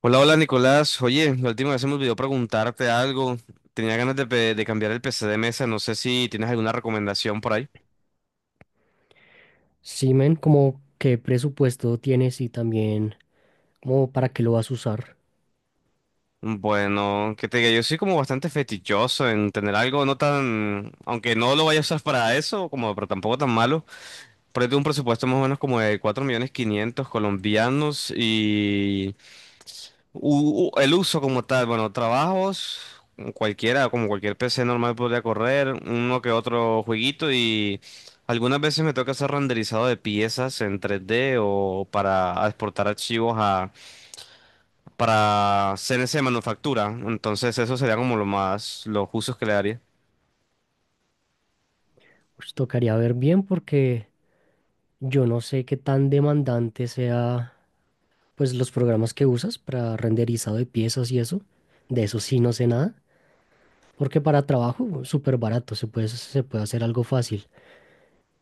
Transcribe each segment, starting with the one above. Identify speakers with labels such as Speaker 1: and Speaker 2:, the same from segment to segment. Speaker 1: Hola, hola Nicolás. Oye, la última vez se me olvidó preguntarte algo. Tenía ganas de cambiar el PC de mesa. No sé si tienes alguna recomendación por ahí.
Speaker 2: Sí, men, como qué presupuesto tienes y también como para qué lo vas a usar.
Speaker 1: Bueno, que te diga, yo soy como bastante fetichoso en tener algo no tan, aunque no lo vaya a usar para eso, como, pero tampoco tan malo. Pero yo tengo un presupuesto más o menos como de 4 millones 500 colombianos. El uso como tal, bueno, trabajos, cualquiera, como cualquier PC normal podría correr, uno que otro jueguito y algunas veces me toca hacer renderizado de piezas en 3D o para exportar archivos a, para CNC de manufactura. Entonces eso sería como lo más, los usos que le daría.
Speaker 2: Pues tocaría ver bien porque yo no sé qué tan demandante sea pues los programas que usas para renderizado de piezas y eso. De eso sí no sé nada, porque para trabajo súper barato se puede hacer algo fácil.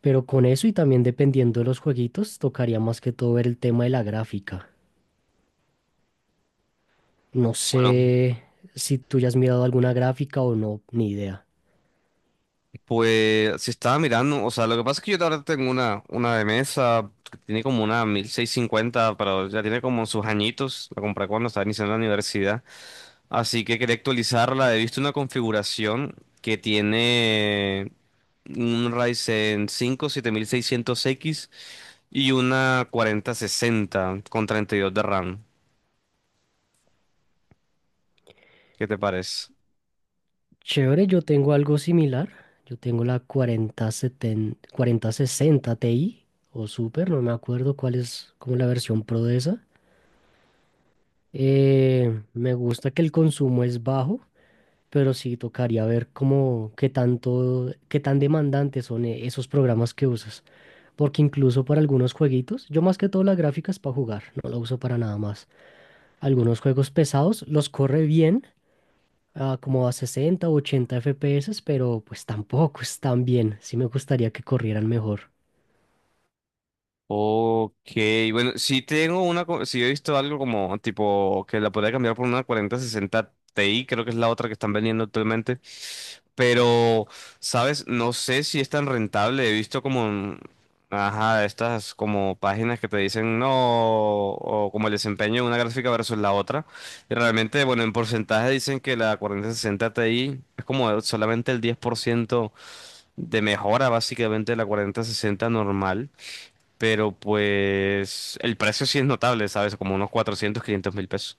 Speaker 2: Pero con eso y también dependiendo de los jueguitos, tocaría más que todo ver el tema de la gráfica. No
Speaker 1: Bueno,
Speaker 2: sé si tú ya has mirado alguna gráfica o no, ni idea.
Speaker 1: pues si estaba mirando, o sea, lo que pasa es que yo ahora tengo una de mesa que tiene como una 1650, pero ya tiene como sus añitos, la compré cuando estaba iniciando la universidad. Así que quería actualizarla. He visto una configuración que tiene un Ryzen 5 7600X y una 4060 con 32 de RAM. ¿Qué te parece?
Speaker 2: Chévere, yo tengo algo similar. Yo tengo la cuarenta setenta cuarenta sesenta Ti o Super, no me acuerdo cuál es como la versión pro de esa. Me gusta que el consumo es bajo, pero sí tocaría ver cómo qué tanto, qué tan demandantes son esos programas que usas. Porque incluso para algunos jueguitos, yo más que todo la gráfica es para jugar, no la uso para nada más. Algunos juegos pesados los corre bien, a como a 60, o 80 FPS, pero pues tampoco están bien. Sí me gustaría que corrieran mejor.
Speaker 1: Ok, bueno, si tengo una, si he visto algo como tipo que la podría cambiar por una cuarenta sesenta Ti, creo que es la otra que están vendiendo actualmente, pero, ¿sabes? No sé si es tan rentable, he visto como, ajá, estas como páginas que te dicen no, o como el desempeño de una gráfica versus la otra, y realmente, bueno, en porcentaje dicen que la cuarenta sesenta Ti es como solamente el 10% de mejora básicamente de la cuarenta sesenta normal. Pero pues el precio sí es notable, ¿sabes? Como unos 400 500 mil pesos.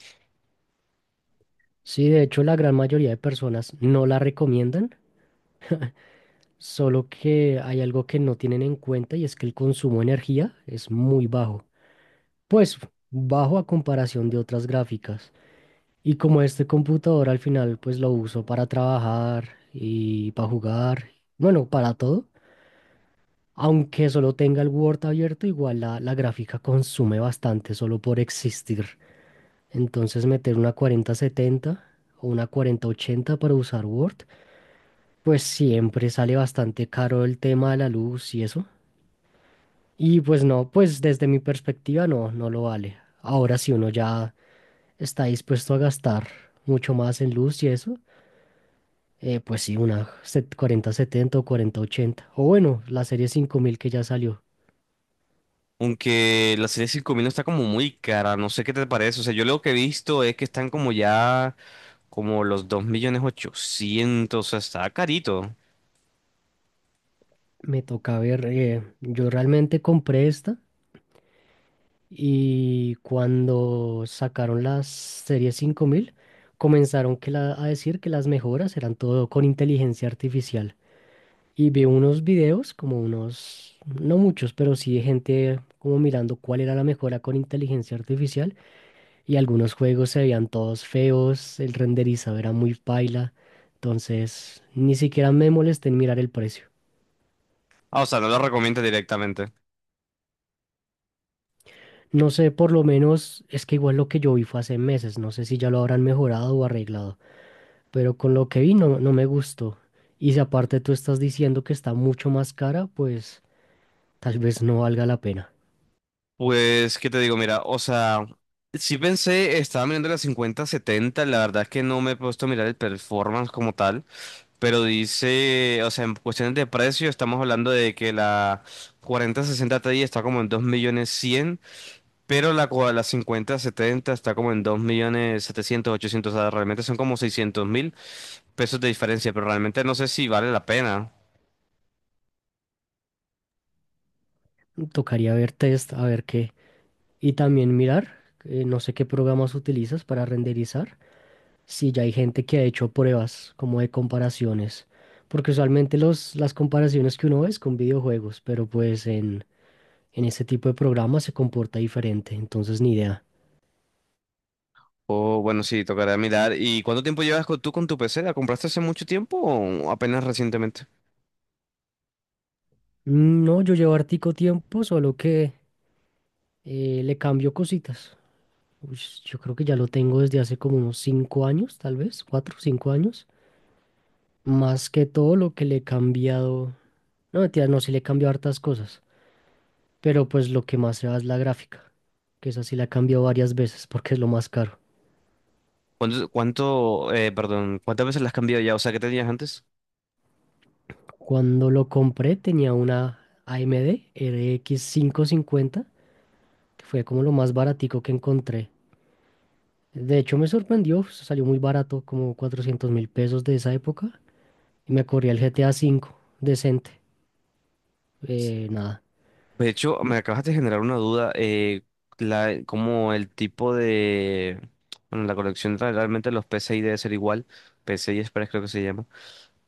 Speaker 2: Sí, de hecho la gran mayoría de personas no la recomiendan, solo que hay algo que no tienen en cuenta y es que el consumo de energía es muy bajo. Pues bajo a comparación de otras gráficas. Y como este computador al final pues lo uso para trabajar y para jugar, bueno, para todo. Aunque solo tenga el Word abierto, igual la gráfica consume bastante solo por existir. Entonces meter una 4070 o una 4080 para usar Word, pues siempre sale bastante caro el tema de la luz y eso. Y pues no, pues desde mi perspectiva no, no lo vale. Ahora si uno ya está dispuesto a gastar mucho más en luz y eso, pues sí, una 4070 o 4080. O bueno, la serie 5000 que ya salió.
Speaker 1: Aunque la serie 5000 está como muy cara, no sé qué te parece. O sea, yo lo que he visto es que están como ya como los 2 millones 800, o sea, está carito.
Speaker 2: Me toca ver, yo realmente compré esta y cuando sacaron las series 5000 comenzaron a decir que las mejoras eran todo con inteligencia artificial. Y vi unos videos, como unos, no muchos, pero sí de gente como mirando cuál era la mejora con inteligencia artificial y algunos juegos se veían todos feos, el renderizado era muy paila, entonces ni siquiera me molesté en mirar el precio.
Speaker 1: Ah, o sea, no lo recomiendo directamente.
Speaker 2: No sé, por lo menos es que igual lo que yo vi fue hace meses, no sé si ya lo habrán mejorado o arreglado, pero con lo que vi no, no me gustó. Y si aparte tú estás diciendo que está mucho más cara, pues tal vez no valga la pena.
Speaker 1: Pues, ¿qué te digo? Mira, o sea, sí pensé, estaba mirando la cincuenta setenta, la verdad es que no me he puesto a mirar el performance como tal. Pero dice, o sea, en cuestiones de precio, estamos hablando de que la 4060 Ti está como en 2.100.000, pero la, la 5070 está como en 2.700.000, 800, o sea, realmente son como 600.000 pesos de diferencia, pero realmente no sé si vale la pena.
Speaker 2: Tocaría ver test, a ver qué. Y también mirar, no sé qué programas utilizas para renderizar, si ya hay gente que ha hecho pruebas como de comparaciones, porque usualmente las comparaciones que uno ve es con videojuegos, pero pues en ese tipo de programas se comporta diferente, entonces ni idea.
Speaker 1: O bueno, sí, tocará mirar. ¿Y cuánto tiempo llevas tú con tu PC? ¿La compraste hace mucho tiempo o apenas recientemente?
Speaker 2: No, yo llevo hartico tiempo, solo que le cambio cositas. Uy, yo creo que ya lo tengo desde hace como unos cinco años, tal vez, cuatro, cinco años. Más que todo lo que le he cambiado. No, mentira, no, sí le he cambiado hartas cosas. Pero pues lo que más se va es la gráfica, que esa sí la he cambiado varias veces porque es lo más caro.
Speaker 1: ¿Cuánto, perdón, cuántas veces la has cambiado ya? O sea, ¿qué tenías antes?
Speaker 2: Cuando lo compré tenía una AMD RX 550, que fue como lo más baratico que encontré. De hecho, me sorprendió, pues, salió muy barato, como 400 mil pesos de esa época. Y me corría el GTA cinco, decente. Nada.
Speaker 1: De hecho, me acabas de generar una duda, la, como el tipo de, bueno, la colección realmente los PCI debe ser igual, PCI Express creo que se llama,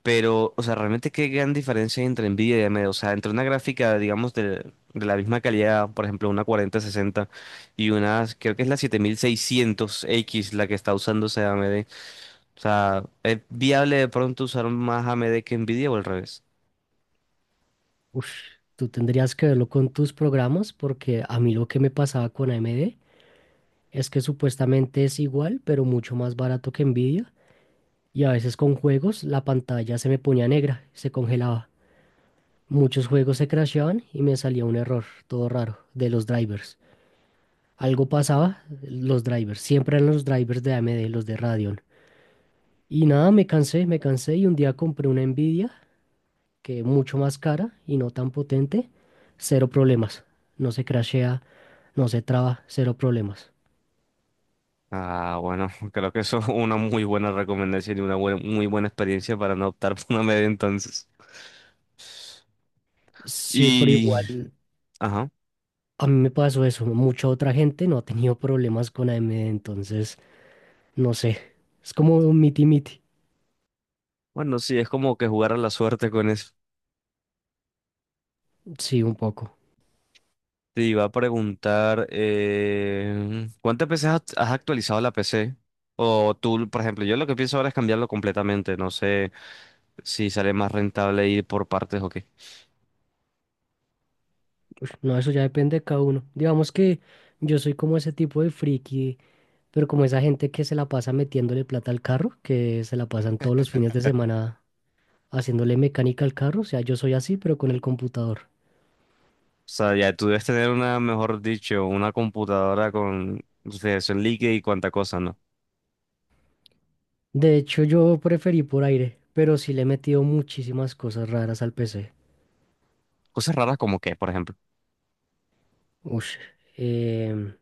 Speaker 1: pero, o sea, realmente qué gran diferencia hay entre Nvidia y AMD, o sea, entre una gráfica, digamos, de la misma calidad, por ejemplo, una 4060 y una, creo que es la 7600X la que está usando ese AMD, o sea, ¿es viable de pronto usar más AMD que Nvidia o al revés?
Speaker 2: Uf, Tú tendrías que verlo con tus programas, porque a mí lo que me pasaba con AMD es que supuestamente es igual, pero mucho más barato que Nvidia. Y a veces con juegos la pantalla se me ponía negra, se congelaba. Muchos juegos se crasheaban y me salía un error, todo raro, de los drivers. Algo pasaba, los drivers, siempre eran los drivers de AMD, los de Radeon. Y nada, me cansé y un día compré una Nvidia que es mucho más cara y no tan potente, cero problemas. No se crashea, no se traba, cero problemas.
Speaker 1: Ah, bueno, creo que eso es una muy buena recomendación y muy buena experiencia para no optar por una media entonces.
Speaker 2: Sí, pero
Speaker 1: Y,
Speaker 2: igual
Speaker 1: ajá,
Speaker 2: a mí me pasó eso. Mucha otra gente no ha tenido problemas con AMD, entonces no sé. Es como un miti-miti.
Speaker 1: bueno, sí, es como que jugar a la suerte con eso.
Speaker 2: Sí, un poco.
Speaker 1: Te iba a preguntar, ¿cuántas veces has actualizado la PC? O tú, por ejemplo, yo lo que pienso ahora es cambiarlo completamente. No sé si sale más rentable ir por partes o qué.
Speaker 2: No, eso ya depende de cada uno. Digamos que yo soy como ese tipo de friki, pero como esa gente que se la pasa metiéndole plata al carro, que se la pasan todos los fines de semana haciéndole mecánica al carro, o sea, yo soy así, pero con el computador.
Speaker 1: O sea, ya tú debes tener una, mejor dicho, una computadora con refrigeración líquida y cuánta cosa, ¿no?
Speaker 2: De hecho, yo preferí por aire, pero sí le he metido muchísimas cosas raras al PC.
Speaker 1: Cosas raras como qué, por ejemplo.
Speaker 2: Ush, em,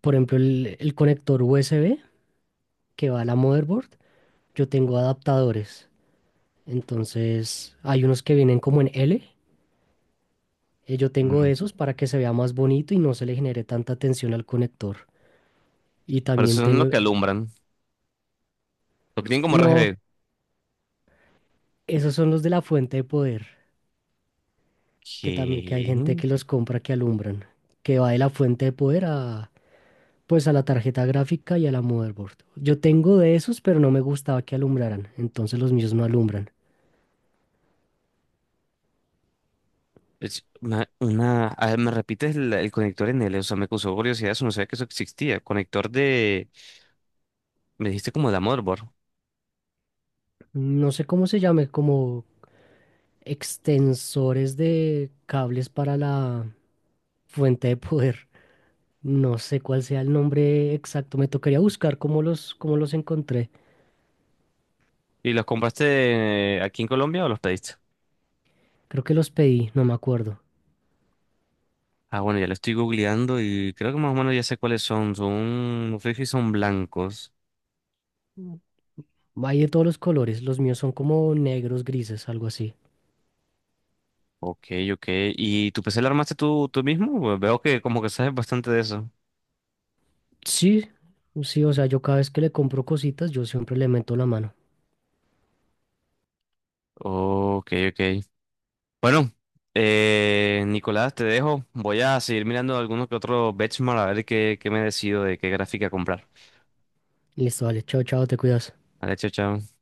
Speaker 2: por ejemplo, el conector USB que va a la motherboard, yo tengo adaptadores. Entonces, hay unos que vienen como en L. Yo tengo
Speaker 1: Mm,
Speaker 2: esos para que se vea más bonito y no se le genere tanta tensión al conector. Y
Speaker 1: Pero
Speaker 2: también
Speaker 1: eso es lo
Speaker 2: tengo...
Speaker 1: que alumbran. Lo que tienen como
Speaker 2: No,
Speaker 1: RGB.
Speaker 2: esos son los de la fuente de poder. Que también que hay
Speaker 1: ¿Qué?
Speaker 2: gente que los compra que alumbran, que va de la fuente de poder a pues a la tarjeta gráfica y a la motherboard. Yo tengo de esos, pero no me gustaba que alumbraran, entonces los míos no alumbran.
Speaker 1: Es A ver, ¿me repites el conector NL? O sea, me causó curiosidad eso. No sabía que eso existía. Conector de... Me dijiste como de motherboard.
Speaker 2: No sé cómo se llame, como extensores de cables para la fuente de poder. No sé cuál sea el nombre exacto, me tocaría buscar cómo los encontré.
Speaker 1: ¿Y los compraste aquí en Colombia o los pediste?
Speaker 2: Creo que los pedí, no me acuerdo.
Speaker 1: Ah, bueno, ya lo estoy googleando y creo que más o menos ya sé cuáles son. Son... No sé si son blancos.
Speaker 2: Hay de todos los colores, los míos son como negros, grises, algo así.
Speaker 1: Ok, ok. ¿Y tu PC lo armaste tú, tú mismo? Pues veo que como que sabes bastante de eso.
Speaker 2: Sí, sí, o sea, yo cada vez que le compro cositas, yo siempre le meto la mano.
Speaker 1: Ok, ok. Bueno, Nicolás, te dejo. Voy a seguir mirando algunos que otros benchmark a ver qué, qué me decido de qué gráfica comprar.
Speaker 2: Listo, vale, chao, chao, te cuidas.
Speaker 1: Vale, chao, chao.